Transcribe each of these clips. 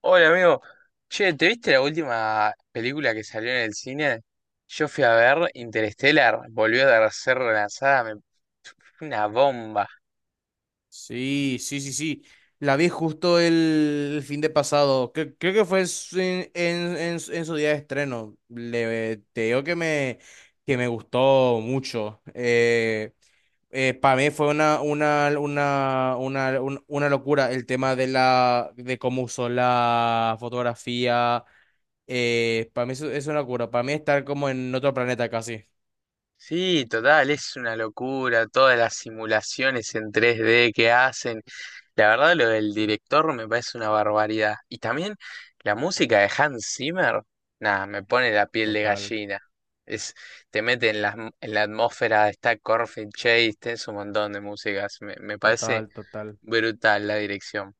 Hola amigo, che, ¿te viste la última película que salió en el cine? Yo fui a ver Interstellar, volvió a ser relanzada, fue una bomba. Sí, sí, sí, sí. La vi justo el fin de pasado. Creo que fue en su día de estreno. Te digo que que me gustó mucho. Para mí fue una locura el tema de de cómo usó la fotografía. Para mí es una locura. Para mí estar como en otro planeta casi. Sí, total, es una locura, todas las simulaciones en tres d que hacen. La verdad, lo del director me parece una barbaridad. Y también la música de Hans Zimmer, nada, me pone la piel de Total, gallina. Es, Te mete en en la atmósfera, está Corpse Chase, tenés un montón de músicas. Me parece total, total. brutal la dirección.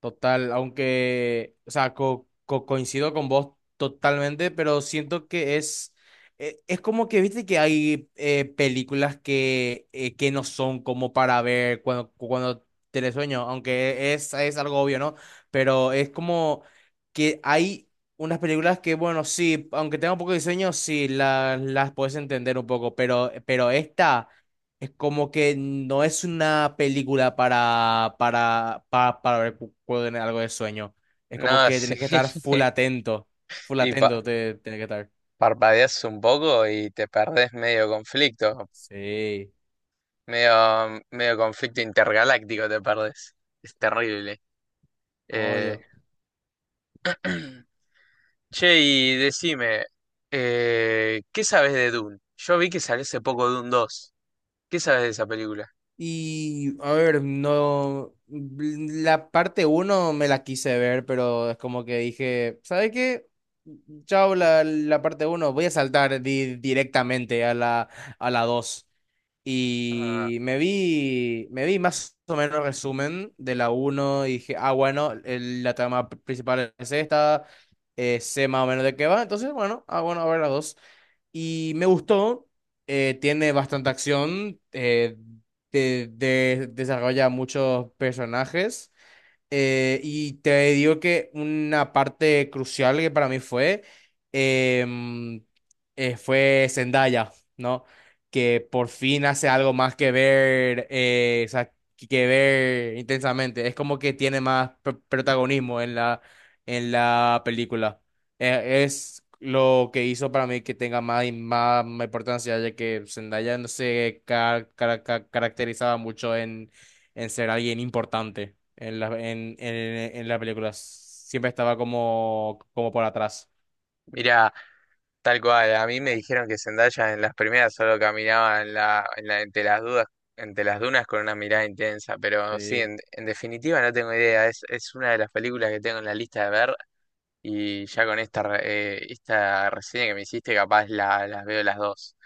Total, aunque, o sea, coincido con vos totalmente, pero siento que es como que, viste que hay películas que no son como para ver cuando tenés sueño, aunque es algo obvio, ¿no? Pero es como que hay unas películas que, bueno, sí, aunque tenga un poco de sueño, sí, las puedes entender un poco, pero esta... Es como que no es una película para ver en algo de sueño. Es como No, que sí. tienes que estar full atento. Full Y pa- atento, tienes que estar. Parpadeas un poco y te perdés medio conflicto. Sí. Medio conflicto intergaláctico te perdés. Es terrible. Eh, Obvio. Che, y decime, ¿qué sabes de Dune? Yo vi que salió hace poco Dune dos. ¿Qué sabes de esa película? Y a ver, no, la parte uno me la quise ver, pero es como que dije, ¿sabes qué? Chao, la parte uno, voy a saltar directamente a a la dos. Ah, Y me vi más o menos resumen de la uno y dije, ah, bueno, la trama principal es esta, sé más o menos de qué va, entonces, bueno, ah, bueno, a ver la 2 y me gustó, tiene bastante acción, eh, te desarrolla muchos personajes y te digo que una parte crucial que para mí em, fue Zendaya, ¿no? Que por fin hace algo más que ver, o sea, que ver intensamente. Es como que tiene más protagonismo en en la película. Es lo que hizo para mí que tenga más y más importancia, ya que Zendaya no se caracterizaba mucho en ser alguien importante en en la película. Siempre estaba como, como por atrás. mirá, tal cual, a mí me dijeron que Zendaya en las primeras solo caminaba en entre las dudas, entre las dunas con una mirada intensa, pero sí, Sí. En definitiva no tengo idea, es una de las películas que tengo en la lista de ver, y ya con esta, esta reseña que me hiciste capaz las veo las dos.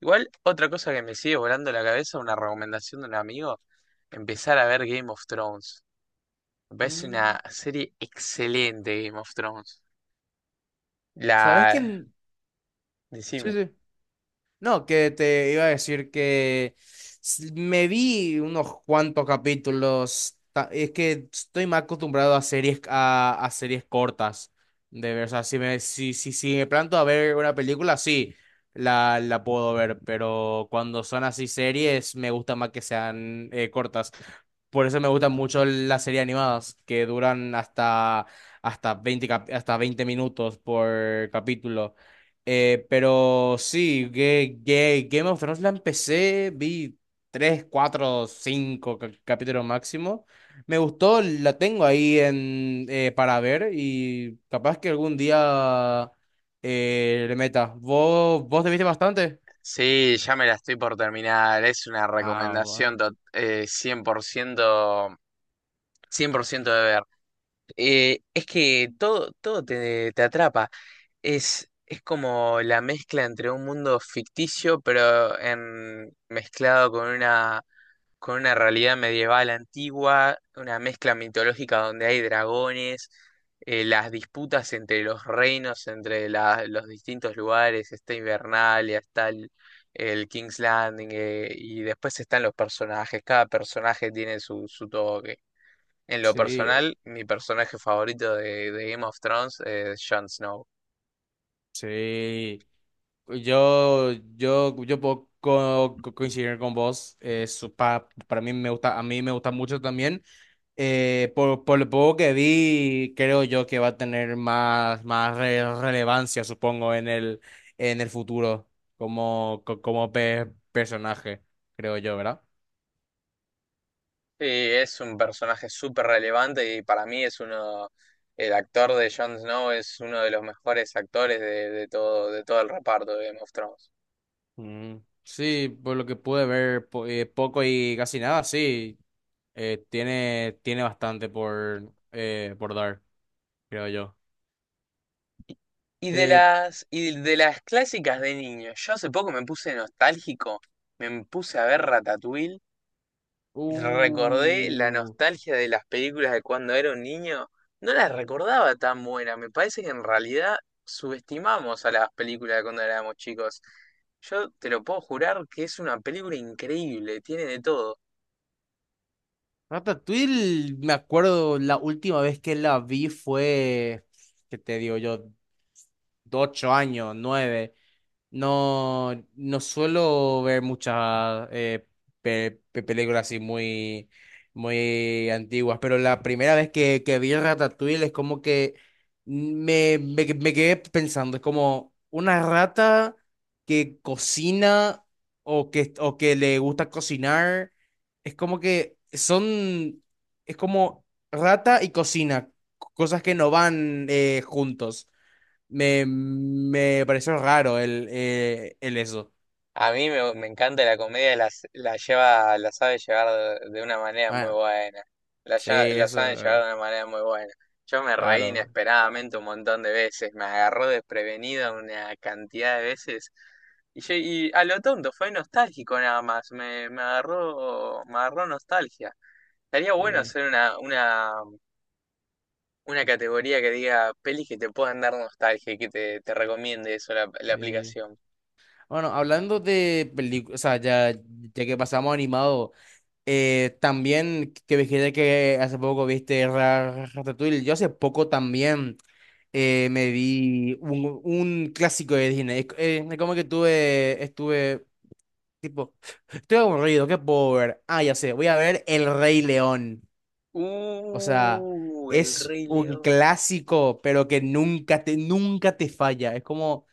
Igual, otra cosa que me sigue volando la cabeza, una recomendación de un amigo, empezar a ver Game of Thrones. Me parece Mm. una serie excelente Game of Thrones. ¿Sabes La... quién? Sí, Decime. sí. No, que te iba a decir que me vi unos cuantos capítulos. Es que estoy más acostumbrado a a series cortas. De ver, o sea, si me planto a ver una película, sí, la puedo ver. Pero cuando son así series, me gusta más que sean cortas. Por eso me gustan mucho las series animadas, que duran hasta 20 hasta 20 minutos por capítulo. Pero sí, Game of Thrones la empecé, vi 3, 4, 5 capítulos máximo. Me gustó, la tengo ahí en, para ver y capaz que algún día le meta. Vos te viste bastante? Sí, ya me la estoy por terminar. Es una Ah, recomendación bueno. 100%, 100% de ver. Es que todo te atrapa. Es como la mezcla entre un mundo ficticio, pero mezclado con una realidad medieval antigua, una mezcla mitológica donde hay dragones, las disputas entre los reinos, entre los distintos lugares, está Invernalia, está el King's Landing, y después están los personajes, cada personaje tiene su toque. En lo Sí, personal, mi personaje favorito de Game of Thrones es Jon Snow. sí. Yo puedo coincidir con vos. Eh, para mí me gusta, a mí me gusta mucho también. Por lo poco que vi, creo yo que va a tener más relevancia, supongo, en en el futuro como personaje, creo yo, ¿verdad? Sí, es un personaje súper relevante y para mí es uno, el actor de Jon Snow es uno de los mejores actores de todo el reparto de Game of Thrones. Mm. Sí, por lo que pude ver, poco y casi nada, sí. Tiene bastante por dar, creo yo. Y de Eh, las clásicas de niño, yo hace poco me puse nostálgico, me puse a ver Ratatouille. Recordé la uh, nostalgia de las películas de cuando era un niño. No las recordaba tan buenas. Me parece que en realidad subestimamos a las películas de cuando éramos chicos. Yo te lo puedo jurar que es una película increíble, tiene de todo. Ratatouille, me acuerdo la última vez que la vi fue, ¿qué te digo yo? De 8 años, 9. No, no suelo ver muchas películas así muy antiguas, pero la primera vez que vi Ratatouille es como que me quedé pensando, es como una rata que cocina o o que le gusta cocinar, es como que son, es como rata y cocina, cosas que no van juntos. Me pareció raro el eso. A mí me encanta la comedia, la sabe llevar de una manera muy Bueno, buena. Sí, La eso, saben llevar de una manera muy buena. Yo me reí claro. inesperadamente un montón de veces, me agarró desprevenido una cantidad de veces. Y a lo tonto, fue nostálgico nada más, me agarró nostalgia. Estaría bueno Sí, hacer una categoría que diga pelis que te puedan dar nostalgia y que te recomiende eso la sí. aplicación. Bueno, hablando de películas, o sea, ya que pasamos a animado, también que dijiste que hace poco viste Ratatouille, yo hace poco también eh, me vi un clásico de Disney. Es como que estuve, tipo, estoy aburrido, qué puedo ver. Ah, ya sé, voy a ver El Rey León. O sea, El es Rey un León. clásico, pero que nunca nunca te falla. Es como,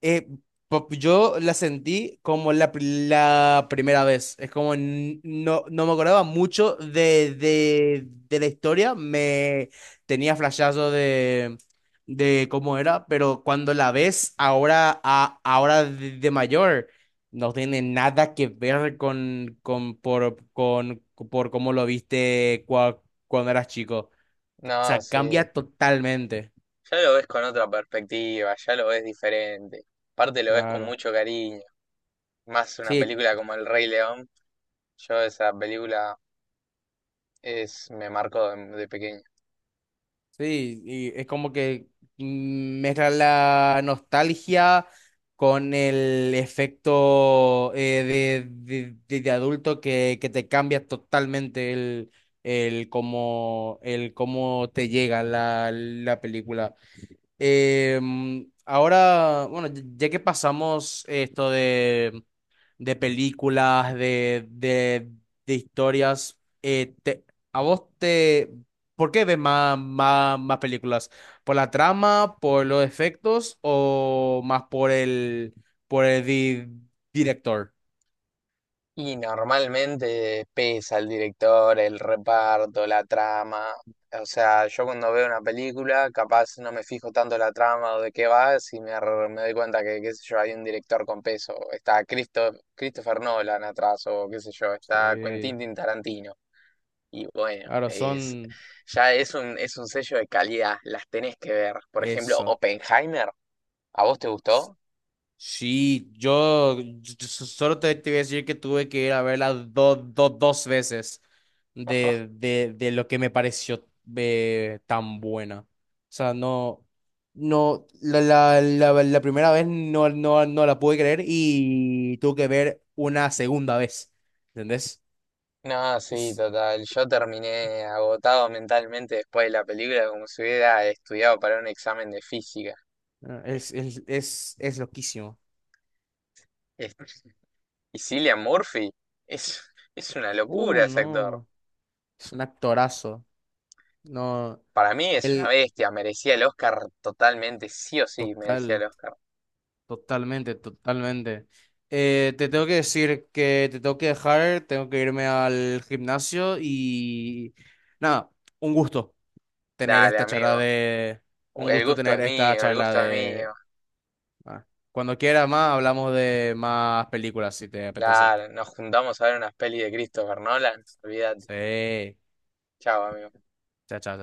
eh, yo la sentí como la primera vez. Es como no me acordaba mucho de la historia. Me tenía flashazo de cómo era, pero cuando la ves ahora, ahora de mayor, no tiene nada que ver con, por cómo lo viste cuando eras chico. O No, sea, sí. cambia totalmente. Ya lo ves con otra perspectiva, ya lo ves diferente. Aparte lo ves con Claro. mucho cariño. Más una Sí, película como El Rey León. Yo esa película me marcó de pequeño. sí, y es como que mezcla la nostalgia con el efecto de adulto que te cambia totalmente el cómo te llega la película. Mm, ahora, bueno, ya que pasamos esto de de historias. ¿A vos te... ¿Por qué ves más películas? ¿Por la trama, por los efectos o más por por el director? Y normalmente pesa el director, el reparto, la trama. O sea, yo cuando veo una película, capaz no me fijo tanto la trama o de qué va, si me doy cuenta que, qué sé yo, hay un director con peso. Está Christopher Nolan atrás, o qué sé yo, está Sí, Quentin Tarantino. Y bueno, claro, son ya es un sello de calidad, las tenés que ver. Por ejemplo, eso. Oppenheimer, ¿a vos te gustó? Sí, solo te voy a decir que tuve que ir a verla dos veces de lo que me pareció tan buena. O sea, no, la primera vez no la pude creer y tuve que ver una segunda vez. ¿Entendés? No, sí, Es, total. Yo terminé agotado mentalmente después de la película, como si hubiera estudiado para un examen de física. ah, Es- Es loquísimo. es- Y Cillian Murphy es, es una locura ese actor. No, es un actorazo. No, Para mí es una el bestia, merecía el Oscar totalmente, sí o sí, merecía el total. Oscar. Totalmente, totalmente. Te tengo que decir que te tengo que dejar, tengo que irme al gimnasio y nada, un gusto tener Dale, esta charla amigo, de. Un el gusto gusto es tener esta mío, el charla gusto es de, mío. ah, cuando quiera más hablamos de más películas si te apetece. Claro, nos juntamos a ver una peli de Christopher Nolan. Olvídate. Sí, Chao, amigo. chao, chao.